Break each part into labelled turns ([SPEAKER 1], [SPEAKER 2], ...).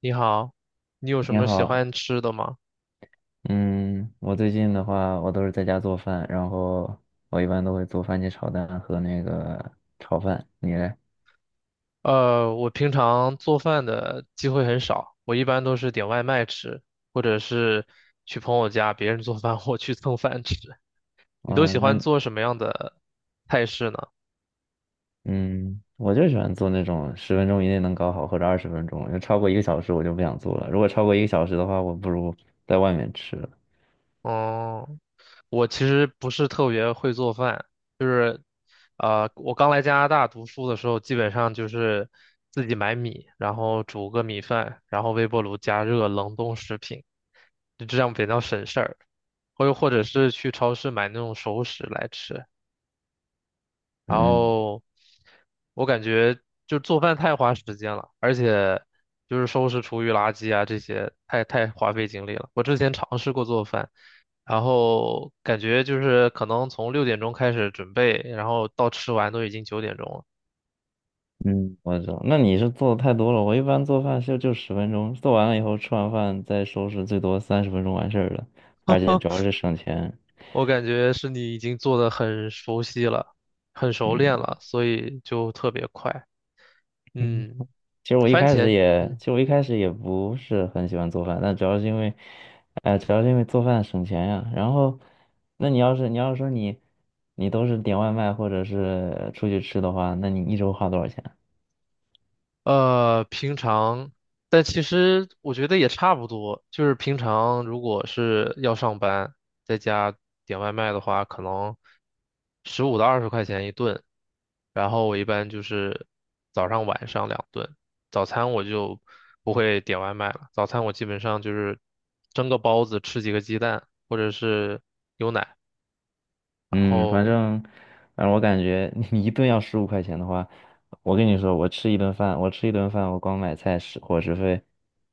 [SPEAKER 1] 你好，你有什
[SPEAKER 2] 你
[SPEAKER 1] 么喜
[SPEAKER 2] 好，
[SPEAKER 1] 欢吃的吗？
[SPEAKER 2] 嗯，我最近的话，我都是在家做饭，然后我一般都会做番茄炒蛋和那个炒饭。你嘞？
[SPEAKER 1] 我平常做饭的机会很少，我一般都是点外卖吃，或者是去朋友家别人做饭，我去蹭饭吃。你都
[SPEAKER 2] 啊，
[SPEAKER 1] 喜欢
[SPEAKER 2] 那
[SPEAKER 1] 做什么样的菜式呢？
[SPEAKER 2] 嗯，我就喜欢做那种十分钟以内能搞好，或者20分钟，就超过一个小时我就不想做了。如果超过一个小时的话，我不如在外面吃了。
[SPEAKER 1] 哦，我其实不是特别会做饭，我刚来加拿大读书的时候，基本上就是自己买米，然后煮个米饭，然后微波炉加热冷冻食品，就这样比较省事儿。或者是去超市买那种熟食来吃。然
[SPEAKER 2] 嗯
[SPEAKER 1] 后我感觉就做饭太花时间了，而且就是收拾厨余垃圾啊这些太花费精力了。我之前尝试过做饭。然后感觉就是可能从6点钟开始准备，然后到吃完都已经9点钟了。
[SPEAKER 2] 嗯，我知道。那你是做的太多了，我一般做饭就十分钟，做完了以后吃完饭再收拾，最多30分钟完事儿了，而且主要是省钱。
[SPEAKER 1] 我感觉是你已经做的很熟悉了，很熟练了，所以就特别快。
[SPEAKER 2] 嗯。
[SPEAKER 1] 嗯，
[SPEAKER 2] 其实我一
[SPEAKER 1] 番
[SPEAKER 2] 开始
[SPEAKER 1] 茄，
[SPEAKER 2] 也，
[SPEAKER 1] 嗯。
[SPEAKER 2] 其实我一开始也不是很喜欢做饭，但主要是因为，主要是因为做饭省钱呀。然后，那你要是说你，你都是点外卖或者是出去吃的话，那你一周花多少钱啊？
[SPEAKER 1] 平常，但其实我觉得也差不多。就是平常如果是要上班，在家点外卖的话，可能15到20块钱一顿。然后我一般就是早上晚上2顿，早餐我就不会点外卖了。早餐我基本上就是蒸个包子，吃几个鸡蛋，或者是牛奶。然
[SPEAKER 2] 嗯，反
[SPEAKER 1] 后
[SPEAKER 2] 正，反正，我感觉 你一顿要15块钱的话，我跟你说，我吃一顿饭，我光买菜食伙食费，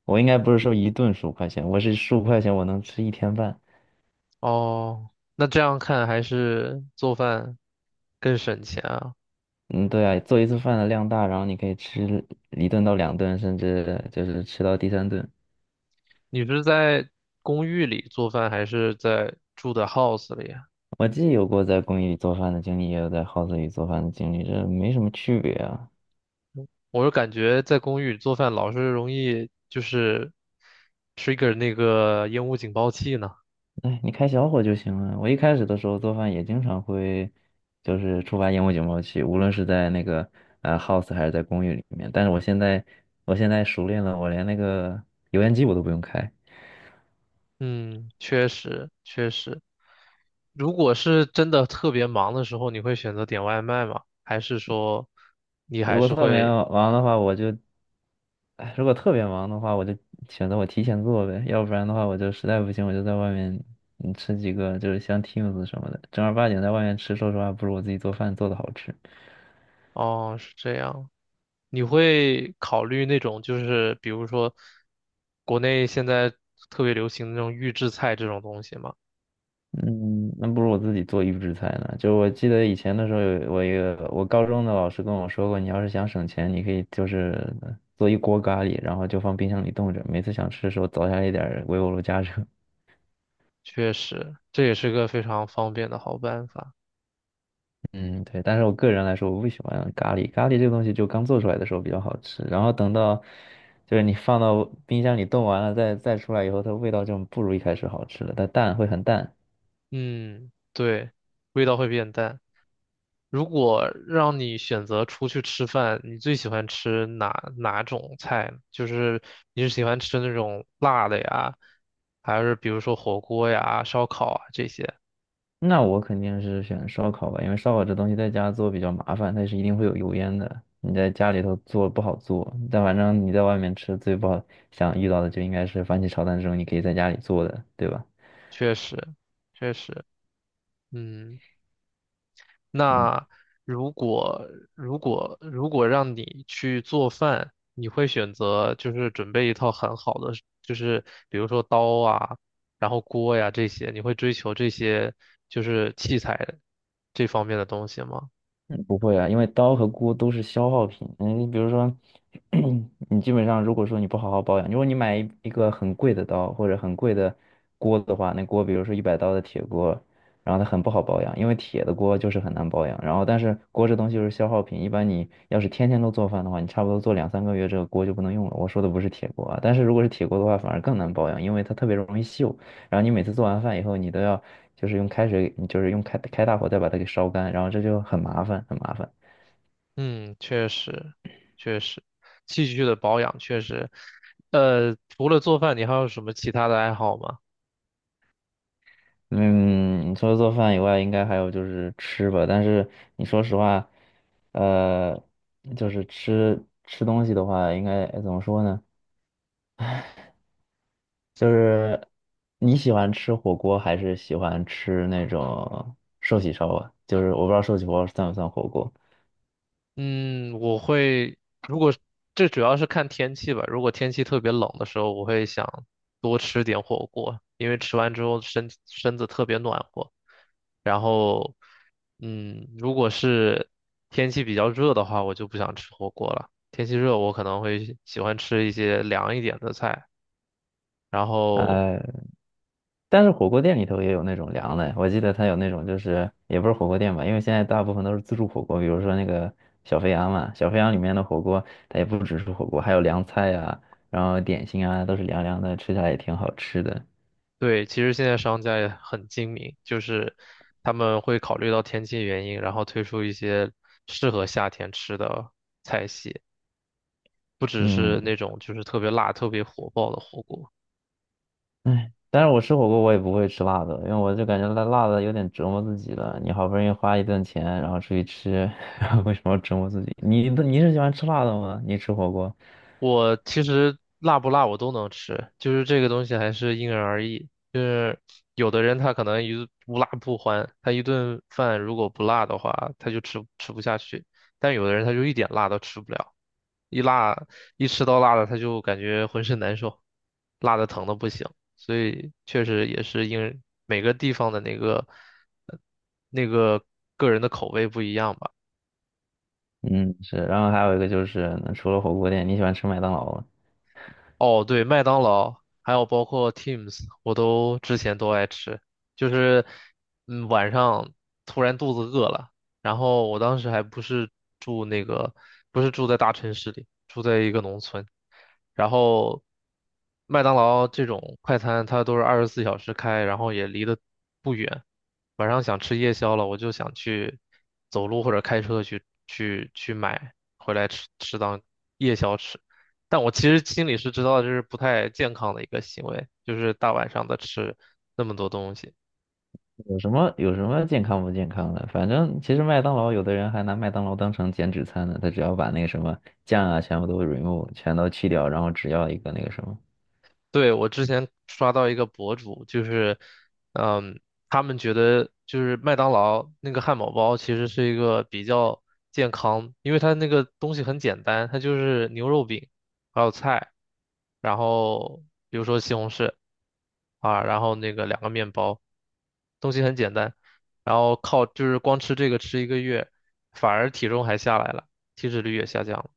[SPEAKER 2] 我应该不是说一顿十五块钱，我是十五块钱我能吃一天饭。
[SPEAKER 1] 哦，那这样看还是做饭更省钱啊。
[SPEAKER 2] 嗯，对啊，做一次饭的量大，然后你可以吃一顿到两顿，甚至就是吃到第三顿。
[SPEAKER 1] 你是在公寓里做饭，还是在住的 house 里啊？
[SPEAKER 2] 我既有过在公寓里做饭的经历，也有在 house 里做饭的经历，这没什么区别啊。
[SPEAKER 1] 我是感觉在公寓里做饭老是容易就是 trigger 那个烟雾警报器呢。
[SPEAKER 2] 哎，你开小火就行了。我一开始的时候做饭也经常会，就是触发烟雾警报器，无论是在那个house 还是在公寓里面。但是我现在熟练了，我连那个油烟机我都不用开。
[SPEAKER 1] 嗯，确实确实。如果是真的特别忙的时候，你会选择点外卖吗？还是说你
[SPEAKER 2] 如
[SPEAKER 1] 还
[SPEAKER 2] 果
[SPEAKER 1] 是
[SPEAKER 2] 特别
[SPEAKER 1] 会？
[SPEAKER 2] 忙的话，我就，哎，如果特别忙的话，我就选择我提前做呗，要不然的话，我就实在不行，我就在外面吃几个，就是像 Teams 什么的，正儿八经在外面吃，说实话，不如我自己做饭做的好吃。
[SPEAKER 1] 哦，是这样。你会考虑那种就是比如说国内现在特别流行的那种预制菜这种东西吗？
[SPEAKER 2] 嗯，那不如我自己做预制菜呢。就我记得以前的时候有，我一个我高中的老师跟我说过，你要是想省钱，你可以就是做一锅咖喱，然后就放冰箱里冻着，每次想吃的时候凿下来一点儿微波炉加热。
[SPEAKER 1] 确实，这也是个非常方便的好办法。
[SPEAKER 2] 嗯，对，但是我个人来说，我不喜欢咖喱。咖喱这个东西，就刚做出来的时候比较好吃，然后等到就是你放到冰箱里冻完了，再出来以后，它味道就不如一开始好吃了，它淡会很淡。
[SPEAKER 1] 嗯，对，味道会变淡。如果让你选择出去吃饭，你最喜欢吃哪种菜呢就是你是喜欢吃那种辣的呀，还是比如说火锅呀、烧烤啊这些？
[SPEAKER 2] 那我肯定是选烧烤吧，因为烧烤这东西在家做比较麻烦，它是一定会有油烟的。你在家里头做不好做，但反正你在外面吃最不好想遇到的就应该是番茄炒蛋这种，你可以在家里做的，对吧？
[SPEAKER 1] 确实，确实，嗯。
[SPEAKER 2] 嗯。
[SPEAKER 1] 那如果如果让你去做饭，你会选择就是准备一套很好的，就是比如说刀啊，然后锅呀这些，你会追求这些就是器材这方面的东西吗？
[SPEAKER 2] 嗯不会啊，因为刀和锅都是消耗品。嗯，你比如说，你基本上如果说你不好好保养，如果你买一个很贵的刀或者很贵的锅的话，那锅比如说100刀的铁锅，然后它很不好保养，因为铁的锅就是很难保养。然后但是锅这东西就是消耗品，一般你要是天天都做饭的话，你差不多做两三个月这个锅就不能用了。我说的不是铁锅啊，但是如果是铁锅的话，反而更难保养，因为它特别容易锈。然后你每次做完饭以后，你都要就是用开水，你就是用开大火再把它给烧干，然后这就很麻烦，很麻烦。
[SPEAKER 1] 嗯，确实，确实，器具的保养确实，除了做饭，你还有什么其他的爱好吗？
[SPEAKER 2] 嗯，你除了做饭以外，应该还有就是吃吧。但是你说实话，呃，就是吃吃东西的话，应该怎么说呢？就是你喜欢吃火锅还是喜欢吃那种寿喜烧啊？就是我不知道寿喜烧算不算火锅。
[SPEAKER 1] 嗯，我会，如果这主要是看天气吧。如果天气特别冷的时候，我会想多吃点火锅，因为吃完之后身子特别暖和。然后，嗯，如果是天气比较热的话，我就不想吃火锅了。天气热，我可能会喜欢吃一些凉一点的菜，然后
[SPEAKER 2] 哎，但是火锅店里头也有那种凉的，我记得它有那种就是也不是火锅店吧，因为现在大部分都是自助火锅，比如说那个小肥羊嘛，小肥羊里面的火锅它也不只是火锅，还有凉菜啊，然后点心啊都是凉凉的，吃起来也挺好吃的。
[SPEAKER 1] 对，其实现在商家也很精明，就是他们会考虑到天气原因，然后推出一些适合夏天吃的菜系，不只是
[SPEAKER 2] 嗯，
[SPEAKER 1] 那种就是特别辣、特别火爆的火锅。
[SPEAKER 2] 哎，但是我吃火锅我也不会吃辣的，因为我就感觉辣辣的有点折磨自己了。你好不容易花一顿钱，然后出去吃，然后为什么要折磨自己？你是喜欢吃辣的吗？你吃火锅？
[SPEAKER 1] 我其实辣不辣我都能吃，就是这个东西还是因人而异。就是有的人他可能一无辣不欢，他一顿饭如果不辣的话，他就吃不下去；但有的人他就一点辣都吃不了。一辣一吃到辣的，他就感觉浑身难受，辣的疼的不行。所以确实也是因每个地方的呃那个个人的口味不一样吧。
[SPEAKER 2] 嗯，是。然后还有一个就是，除了火锅店，你喜欢吃麦当劳吗？
[SPEAKER 1] 哦，对，麦当劳，还有包括 Teams,我都之前都爱吃。就是，嗯，晚上突然肚子饿了，然后我当时还不是住那个，不是住在大城市里，住在一个农村。然后，麦当劳这种快餐它都是24小时开，然后也离得不远。晚上想吃夜宵了，我就想走路或者开车去买回来吃当夜宵吃。但我其实心里是知道这是不太健康的一个行为，就是大晚上的吃那么多东西。
[SPEAKER 2] 有什么健康不健康的？反正其实麦当劳有的人还拿麦当劳当成减脂餐呢，他只要把那个什么酱啊全部都 remove，全都去掉，然后只要一个那个什么。
[SPEAKER 1] 对，我之前刷到一个博主，就是，嗯，他们觉得就是麦当劳那个汉堡包其实是一个比较健康，因为它那个东西很简单，它就是牛肉饼，还有菜，然后比如说西红柿啊，然后那个2个面包，东西很简单，然后靠就是光吃这个吃1个月，反而体重还下来了，体脂率也下降了。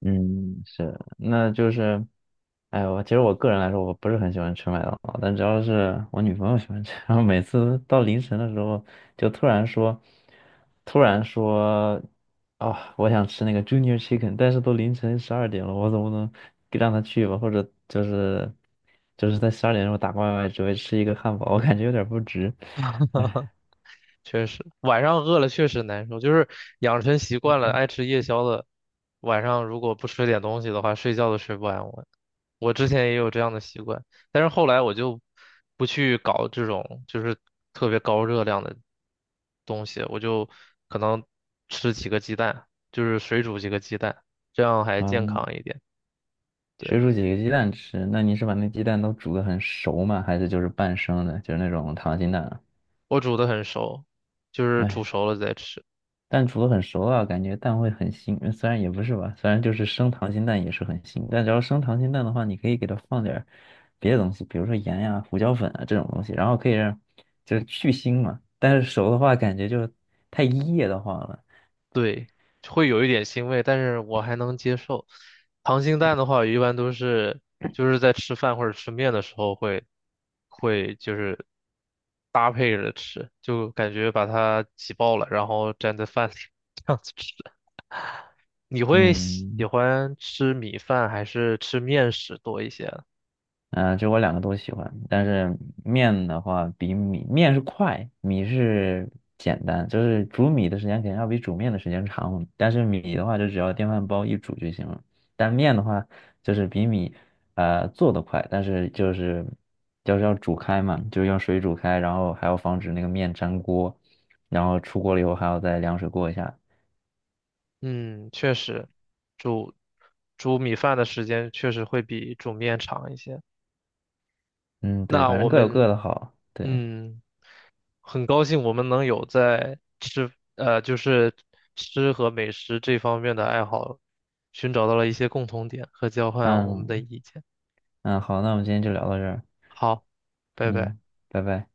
[SPEAKER 2] 嗯，是，那就是，哎，我其实我个人来说，我不是很喜欢吃麦当劳，但只要是我女朋友喜欢吃，然后每次到凌晨的时候，就突然说，啊、我想吃那个 Junior Chicken，但是都凌晨十二点了，我总不能给让她去吧？或者就是，就是在12点钟时候打外卖，只为吃一个汉堡，我感觉有点不值。
[SPEAKER 1] 确实，晚上饿了确实难受，就是养成习惯了爱吃夜宵的，晚上如果不吃点东西的话，睡觉都睡不安稳。我之前也有这样的习惯，但是后来我就不去搞这种就是特别高热量的东西，我就可能吃几个鸡蛋，就是水煮几个鸡蛋，这样还健
[SPEAKER 2] 嗯，
[SPEAKER 1] 康一点。对，
[SPEAKER 2] 水煮几个鸡蛋吃，那你是把那鸡蛋都煮得很熟吗？还是就是半生的，就是那种溏心蛋啊？
[SPEAKER 1] 我煮的很熟，就是煮
[SPEAKER 2] 哎，
[SPEAKER 1] 熟了再吃。
[SPEAKER 2] 蛋煮了很熟啊，感觉蛋会很腥，虽然也不是吧，虽然就是生溏心蛋也是很腥，但只要生溏心蛋的话，你可以给它放点儿别的东西，比如说盐呀、胡椒粉啊这种东西，然后可以让就是去腥嘛。但是熟的话，感觉就太噎得慌了。
[SPEAKER 1] 对，会有一点腥味，但是我还能接受。溏心蛋的话，一般都是就是在吃饭或者吃面的时候会就是搭配着吃，就感觉把它挤爆了，然后蘸在饭里 这样子吃。你会喜
[SPEAKER 2] 嗯。
[SPEAKER 1] 欢吃米饭还是吃面食多一些啊？
[SPEAKER 2] 嗯、就我两个都喜欢，但是面的话比米面是快，米是简单，就是煮米的时间肯定要比煮面的时间长，但是米的话就只要电饭煲一煮就行了。但面的话就是比米做的快，但是就是就是要煮开嘛，就是用水煮开，然后还要防止那个面粘锅，然后出锅了以后还要再凉水过一下。
[SPEAKER 1] 嗯，确实，煮煮米饭的时间确实会比煮面长一些。
[SPEAKER 2] 嗯，对，
[SPEAKER 1] 那
[SPEAKER 2] 反
[SPEAKER 1] 我
[SPEAKER 2] 正各有各
[SPEAKER 1] 们
[SPEAKER 2] 的好。对，
[SPEAKER 1] 嗯。很高兴我们能有在吃，就是吃和美食这方面的爱好，寻找到了一些共同点和交换我们的
[SPEAKER 2] 嗯
[SPEAKER 1] 意见。
[SPEAKER 2] 嗯，好，那我们今天就聊到这儿。
[SPEAKER 1] 好，拜拜。
[SPEAKER 2] 嗯，拜拜。